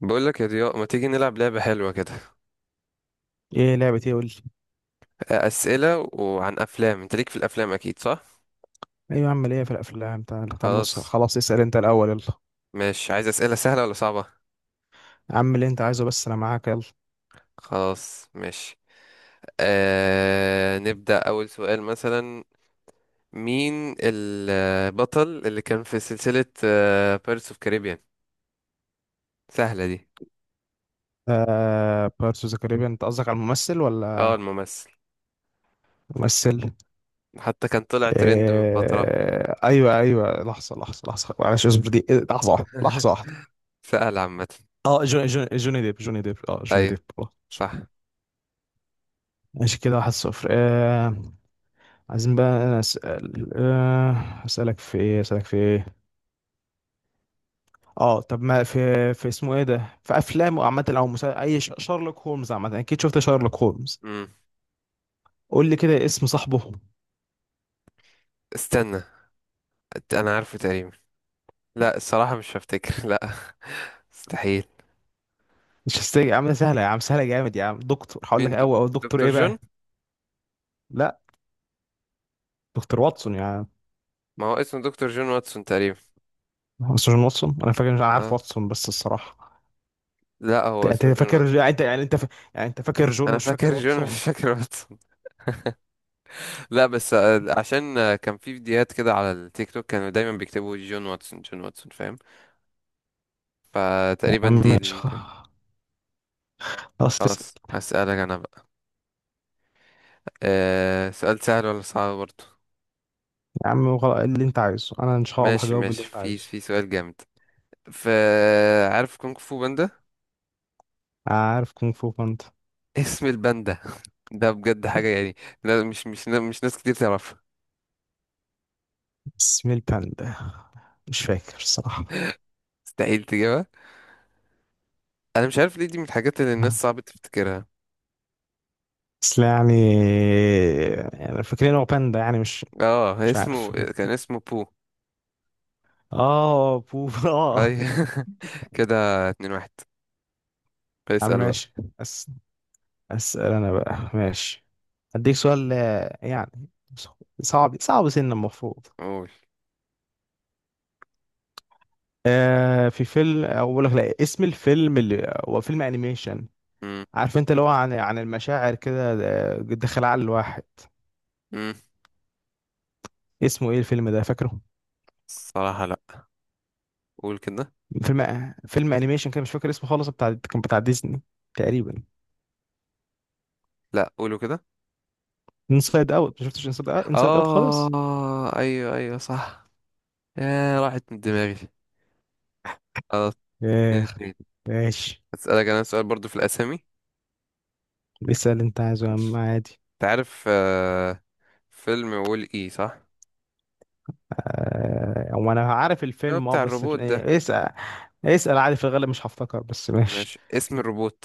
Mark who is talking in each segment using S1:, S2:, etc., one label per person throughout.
S1: بقول لك يا ضياء، ما تيجي نلعب لعبة حلوة كده؟
S2: ايه لعبة ايه؟ قول لي.
S1: أسئلة وعن أفلام، أنت ليك في الأفلام أكيد صح؟
S2: ايوه يا عم، ليه؟ في الافلام تعالى تعالى بص،
S1: خلاص.
S2: خلاص اسأل انت الاول يلا.
S1: ماشي، عايز أسئلة سهلة ولا صعبة؟
S2: يا عم اللي انت عايزه، بس انا معاك يلا.
S1: خلاص ماشي. نبدأ أول سؤال مثلا: مين البطل اللي كان في سلسلة بيرس اوف كاريبيان؟ سهلة دي.
S2: بيرتس اوف ذا كاريبيان، انت قصدك على الممثل ولا
S1: اه الممثل.
S2: ممثل؟
S1: حتى كان طلع ترند من فترة.
S2: ايوه ايوه، لحظة لحظة لحظة معلش اصبر، دي إيه، لحظة واحدة لحظة واحدة.
S1: سهل عامة.
S2: اه جوني ديب جوني ديب، اه جوني
S1: أيوه
S2: ديب خلاص.
S1: صح.
S2: ماشي كده، واحد صفر عايزين بقى انا اسال اسالك في ايه. اه طب ما في، في اسمه ايه ده، في افلام عامه او شارلوك هولمز عامه، اكيد شفت شارلوك هولمز.
S1: مم.
S2: قول لي كده اسم صاحبه.
S1: استنى، أنا عارفه تقريبا. لا الصراحة مش هفتكر. لا، مستحيل.
S2: مش هستني يا عم، سهله يا عم، سهله جامد يا عم. دكتور هقول
S1: مين
S2: لك
S1: د-
S2: اول او دكتور
S1: دكتور
S2: ايه
S1: جون.
S2: بقى؟ لا دكتور واتسون يا عم.
S1: ما هو اسمه دكتور جون واتسون تقريبا.
S2: هو سيرجن واتسون انا فاكر، مش عارف
S1: اه.
S2: واتسون بس الصراحه.
S1: لا هو
S2: انت
S1: اسمه جون
S2: فاكر،
S1: واتسون.
S2: يعني انت فاكر جون
S1: انا
S2: مش فاكر
S1: فاكر جون مش
S2: واتسون.
S1: فاكر واتسون. لا بس عشان كان في فيديوهات كده على التيك توك، كانوا دايما بيكتبوا جون واتسون جون واتسون، فاهم؟
S2: يا
S1: فتقريبا
S2: عم
S1: دي اللي
S2: ماشي،
S1: ممكن.
S2: خلاص تسلم.
S1: خلاص هسألك انا بقى. آه، سؤال سهل ولا صعب برضه؟
S2: يا عم اللي انت عايزه انا ان شاء الله
S1: ماشي
S2: هجاوب اللي
S1: ماشي،
S2: انت
S1: في
S2: عايزه.
S1: في سؤال جامد. ف عارف كونغ فو باندا؟
S2: عارف كونغ فو باندا.
S1: اسم الباندا. ده بجد حاجة يعني. لا، مش ناس كتير تعرفها.
S2: اسم الباندا. مش فاكر الصراحه.
S1: مستحيل تجيبها. انا مش عارف ليه، دي من الحاجات اللي الناس صعب تفتكرها.
S2: بس لا يعني، يعني فاكرين هو باندا يعني مش.
S1: اه، هي
S2: مش
S1: اسمه
S2: عارف.
S1: كان اسمه بو.
S2: اه بوف اه.
S1: اي كده، اتنين واحد.
S2: عم
S1: اسأل بقى.
S2: ماشي. أس... اسأل انا بقى ماشي. هديك سؤال يعني صعب سنة المفروض.
S1: قول.
S2: في فيلم اقول لك، لا اسم الفيلم اللي هو فيلم انيميشن.
S1: مم.
S2: عارف انت اللي هو عن المشاعر كده داخل عقل الواحد.
S1: مم.
S2: اسمه ايه الفيلم ده، فاكره؟
S1: الصراحة لا. قول كده.
S2: فيلم انيميشن كده، مش فاكر اسمه خالص، بتاع ديزني تقريبا.
S1: لا قولوا كده.
S2: انسايد اوت، ما شفتش انسايد اوت؟ انسايد اوت خالص.
S1: اه ايوه ايوه صح. يا راحت من دماغي. خلاص، اتنين
S2: ايه
S1: اتنين.
S2: ماشي،
S1: هسألك انا سؤال برضو في الاسامي.
S2: اسأل انت عايزه يا عم
S1: ماشي.
S2: عادي.
S1: انت عارف آه، فيلم وول اي صح؟
S2: هو انا عارف
S1: اللي هو
S2: الفيلم اه،
S1: بتاع
S2: بس
S1: الروبوت ده.
S2: إيه، اسأل. اسأل عادي، في الغالب مش هفتكر بس ماشي.
S1: ماشي، اسم الروبوت.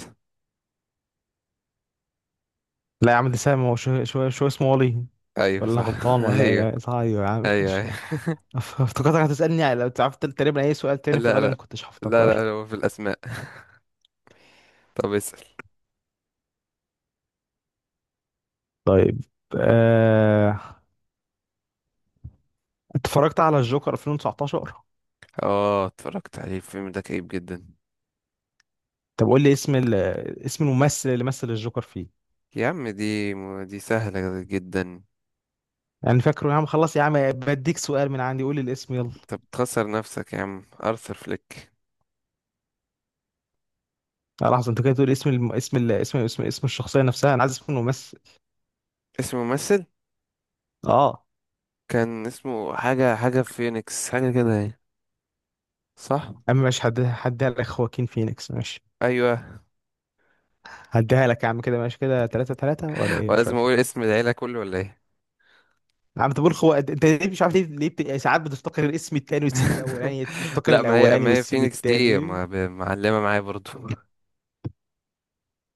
S2: لا يا عم ده سهل، ما هو شو اسمه، ولي.
S1: ايوه
S2: ولا أنا
S1: صح.
S2: غلطان ولا
S1: ايوه
S2: ايه؟ صحيح يا عم،
S1: ايوه
S2: ماشي.
S1: ايوه.
S2: افتكرتك هتسألني لو تعرف، تقريبا اي سؤال تاني في
S1: لا
S2: الغالب
S1: لا
S2: ما كنتش
S1: لا،
S2: هفتكر.
S1: لا هو في الأسماء. طب اسأل.
S2: طيب. آه، اتفرجت على الجوكر 2019؟
S1: اه اتفرجت عليه، الفيلم ده كئيب جدا.
S2: طب قول لي اسم الممثل اللي مثل الجوكر فيه.
S1: يا عم دي، دي سهلة جدا.
S2: يعني فاكره يا عم، خلاص يا عم بديك سؤال من عندي، قول لي الاسم يلا.
S1: طب تخسر نفسك يا عم، أرثر فليك.
S2: لحظه، انت كده تقول اسم الم... اسم ال... اسم اسم اسم الشخصيه نفسها، انا عايز اسم الممثل.
S1: اسمه ممثل؟
S2: اه
S1: كان اسمه حاجة حاجة فينيكس حاجة كده يعني. صح.
S2: اما مش هديها لك، خواكين فينيكس ماشي.
S1: أيوه.
S2: هديها لك يا عم، كده ماشي كده، 3 3 ولا ايه؟ مش
S1: ولازم
S2: فاكر.
S1: أقول اسم العيلة كله ولا إيه؟
S2: يا عم تقول خو، انت ليه مش عارف؟ ليه يعني ساعات بتفتكر الاسم التاني وتسيب الاولاني، تفتكر
S1: لا، ما هي
S2: الاولاني
S1: ما هي
S2: وتسيب
S1: فينيكس دي
S2: التاني.
S1: معلمة معايا برضو.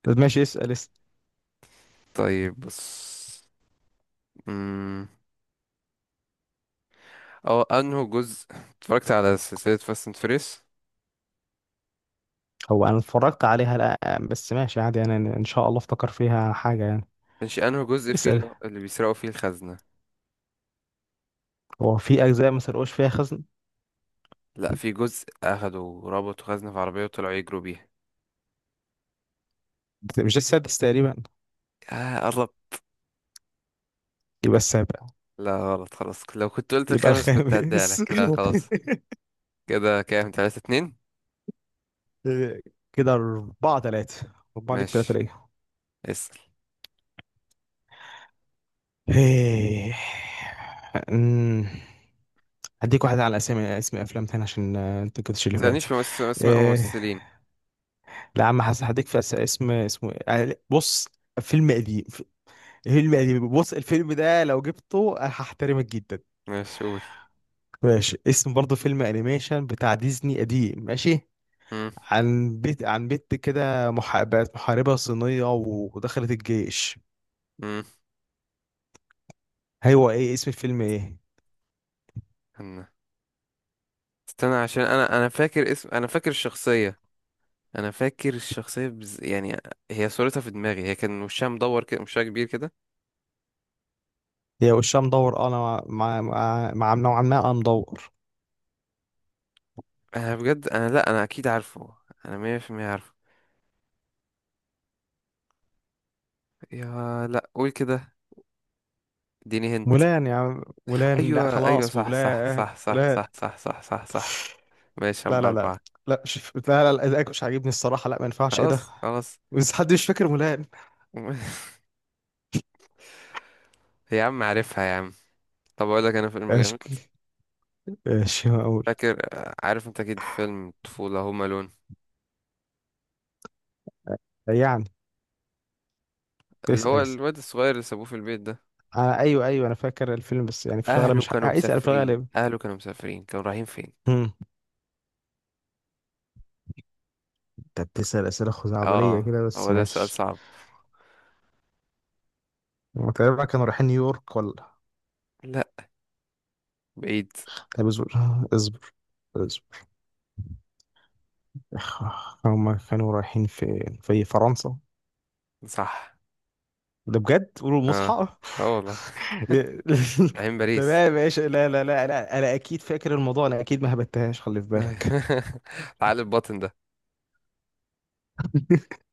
S2: طب ماشي اسال اسال.
S1: طيب بص، أمم، اه أنه جزء اتفرجت على سلسلة فاست اند فيريس.
S2: هو انا اتفرجت عليها لا، بس ماشي عادي يعني، انا ان شاء الله افتكر فيها حاجه يعني.
S1: مش انه جزء فيه
S2: اسال.
S1: اللي بيسرقوا فيه الخزنة؟
S2: هو في اجزاء ما سرقوش فيها خزن.
S1: لا في جزء اخدوا ربطوا خزنة في عربية وطلعوا يجروا بيها.
S2: مش ده السادس تقريبا؟
S1: اه قرب.
S2: يبقى السابع.
S1: لا غلط، خلاص، لو كنت قلت
S2: يبقى
S1: الخامس كنت هديها
S2: الخامس.
S1: لك. لا خلاص. كده كام، تلاتة اتنين.
S2: كده أربعة تلاتة. أربعة ليك تلاتة
S1: ماشي
S2: ليا.
S1: اسأل.
S2: إيه. أمم. هديك واحدة على اسامي، اسم أفلام تاني عشان أنت كنتش اللي فات.
S1: متسألنيش في اسماء
S2: إيه.
S1: ممثلين.
S2: لا يا عم حسن، هديك في اسمه إيه؟ بص. فيلم قديم. فيلم قديم، بص الفيلم ده لو جبته هحترمك جدا.
S1: ماشي قول.
S2: ماشي، اسم برضه فيلم أنيميشن بتاع ديزني قديم ماشي.
S1: مم،
S2: عن بيت عن بنت كده، بقت محاربة صينية ودخلت الجيش.
S1: مم.
S2: هو ايه اسم الفيلم ايه؟
S1: استنى استنى عشان انا فاكر اسم، انا فاكر الشخصية. يعني هي صورتها في دماغي، هي كان وشها مدور كده، وشها كبير كده.
S2: هي وشها مدور انا. مع نوعا ما انا مدور.
S1: انا بجد انا، لا انا اكيد عارفه. انا مية في المية عارفه. يا لا قول كده، اديني هنت.
S2: مولان يا عم، مولان، لا
S1: ايوه ايوه
S2: خلاص
S1: صح صح
S2: مولان
S1: صح صح
S2: مولان.
S1: صح صح صح صح صح. ماشي،
S2: لا
S1: اربعة
S2: لا لا
S1: اربعة.
S2: لا، مش لا لا لا، إيدك مش عاجبني الصراحة، لا ما ينفعش ايه ده.
S1: خلاص خلاص.
S2: بس حد مش فاكر مولان؟
S1: يا عم عارفها يا عم. طب اقول لك انا فيلم
S2: ايش،
S1: جامد.
S2: ايش اقول؟
S1: فاكر آه، عارف انت اكيد فيلم طفولة، هوم الون؟
S2: يعني
S1: اللي
S2: اسأل
S1: هو
S2: اسأل.
S1: الواد الصغير اللي سابوه في البيت ده.
S2: ايوه ايوه انا فاكر الفيلم، بس يعني في الغالب
S1: اهله
S2: مش ه-
S1: كانوا
S2: آه، اسأل في
S1: مسافرين،
S2: الغالب.
S1: اهله كانوا مسافرين، كانوا رايحين فين؟
S2: انت بتسأل أسئلة خزعبلية
S1: اه.
S2: كده، بس
S1: هو ده سؤال
S2: ماشي.
S1: صعب.
S2: هما تقريبا كانوا رايحين نيويورك ولا؟
S1: لا بعيد.
S2: طب اصبر اصبر اصبر. هما كانوا رايحين في فرنسا.
S1: صح.
S2: ده بجد قولوا
S1: اه،
S2: المصحى.
S1: اه والله. رايحين باريس.
S2: تمام ماشي، لا لا لا لا انا اكيد فاكر الموضوع، انا اكيد ما هبتهاش، خلي في بالك.
S1: العقل الباطن ده.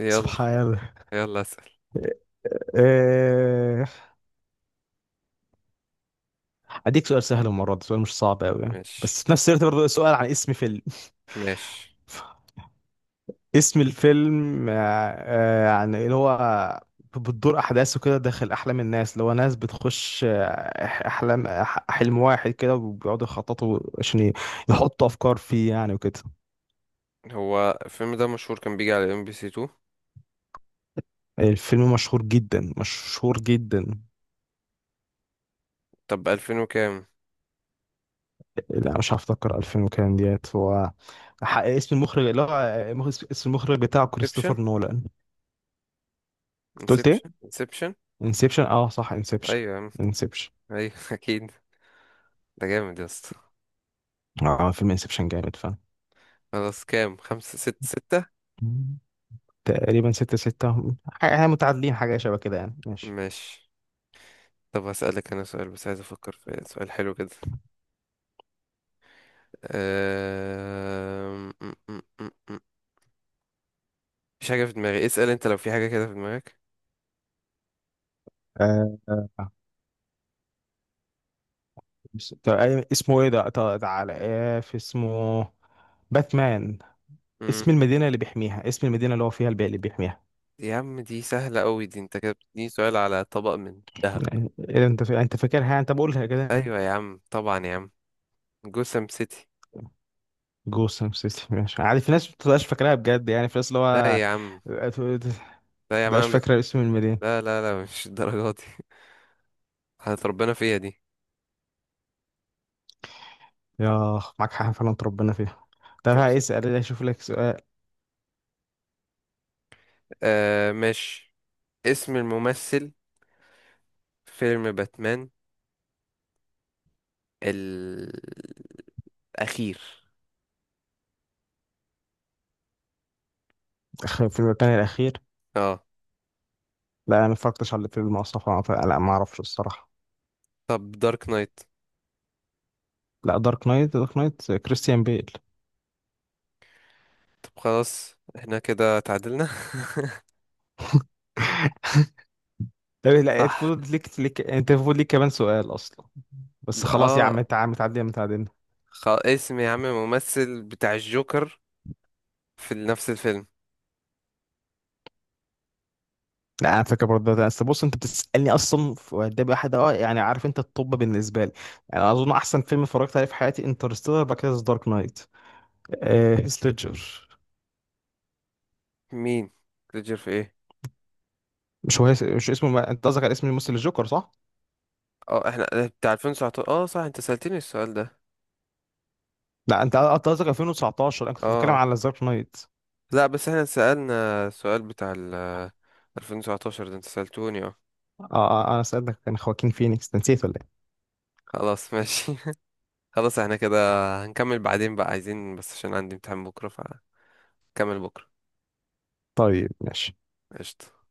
S1: يلا.
S2: سبحان الله.
S1: يلا اسأل.
S2: آه، اديك سؤال سهل المره دي، سؤال مش صعب قوي يعني.
S1: ماشي
S2: بس في نفس الوقت برضه سؤال عن اسم فيلم.
S1: ماشي.
S2: اسم الفيلم يعني اللي هو بتدور احداثه كده داخل احلام الناس، اللي هو ناس بتخش احلام حلم واحد كده، وبيقعدوا يخططوا عشان يحطوا افكار فيه يعني وكده.
S1: هو الفيلم ده مشهور، كان بيجي على ام بي سي 2.
S2: الفيلم مشهور جدا، مشهور جدا.
S1: طب 2000 وكام؟
S2: لا مش هفتكر 2000 وكام ديت هو. اسم المخرج اللي هو اسم المخرج بتاعه
S1: انسبشن
S2: كريستوفر نولان. أنت قلت ايه؟
S1: انسبشن انسبشن.
S2: انسبشن، اه صح انسبشن
S1: ايوه يا عم.
S2: انسبشن.
S1: ايوه اكيد. ده جامد يا اسطى.
S2: اه فيلم انسبشن جامد.
S1: خلاص كام، خمسة ست ستة.
S2: فعلا. تقريبا ستة ستة. احنا متعادلين، حاجة شبه كده يعني ماشي.
S1: ماشي. طب هسألك انا سؤال، بس عايز افكر في سؤال حلو كده. أم... م- م- م- م. مفيش حاجة في دماغي. اسأل انت لو في حاجة كده في دماغك.
S2: آه. آه. طب اسمه ايه ده؟ طب تعالى، ايه في اسمه؟ باتمان.
S1: مم.
S2: اسم المدينة اللي بيحميها، اسم المدينة اللي هو فيها البيئة اللي بيحميها.
S1: يا عم دي سهلة قوي دي، انت كده بتديني سؤال على طبق من ذهب.
S2: يعني إيه انت انت فاكرها، انت بقولها كده.
S1: ايوه يا عم طبعا يا عم. جوسم سيتي.
S2: جوسم سيتي، ماشي عادي في ناس ما بتبقاش فاكراها بجد، يعني في ناس اللي
S1: لا
S2: هو
S1: يا عم،
S2: مبتبقاش
S1: لا يا عم،
S2: فاكرة اسم المدينة.
S1: لا لا لا، مش الدرجات دي. هتربنا فيها دي.
S2: يا معاك حق، فعلا ربنا فيها. طب
S1: طب
S2: هسأل اشوف لك سؤال.
S1: آه ماشي. اسم الممثل، فيلم باتمان الأخير.
S2: في المكان الأخير.
S1: اه.
S2: لا انا ما اتفرجتش على الفيلم اصلا، فلا ما اعرفش الصراحه.
S1: طب دارك نايت.
S2: لا دارك نايت، دارك نايت كريستيان بيل.
S1: طب خلاص احنا كده تعادلنا.
S2: طب لا
S1: صح.
S2: المفروض ليك، ليك انت المفروض ليك كمان سؤال اصلا. بس خلاص يا
S1: اه،
S2: عم، انت عم تعدي متعدين.
S1: اسم يا عم الممثل بتاع الجوكر، في نفس الفيلم.
S2: لا انا فاكر برضه ده، بس بص انت بتسالني اصلا ده واحد اه يعني، عارف انت الطب بالنسبه لي. يعني اظن احسن فيلم اتفرجت عليه في حياتي انترستيلر، بعد كده دارك نايت. هيث ليدجر.
S1: مين؟ ليدجر في ايه؟
S2: مش هو هيث- مش اسمه ما... انت قصدك على اسم الممثل الجوكر صح؟
S1: اه احنا بتاع 2019، اه صح، انت سألتني السؤال ده.
S2: لا انت قصدك 2019، انا كنت بتكلم
S1: اه.
S2: على دارك نايت.
S1: لا بس احنا سألنا السؤال بتاع ال 2019 ده، انت سألتوني اه.
S2: اه انا سألتك كان خواكين فينيكس، نسيت ولا ايه؟
S1: خلاص ماشي. خلاص احنا كده. هنكمل بعدين بقى، عايزين بس عشان عندي امتحان بكرة فنكمل بكرة.
S2: طيب ماشي.
S1: قشطة.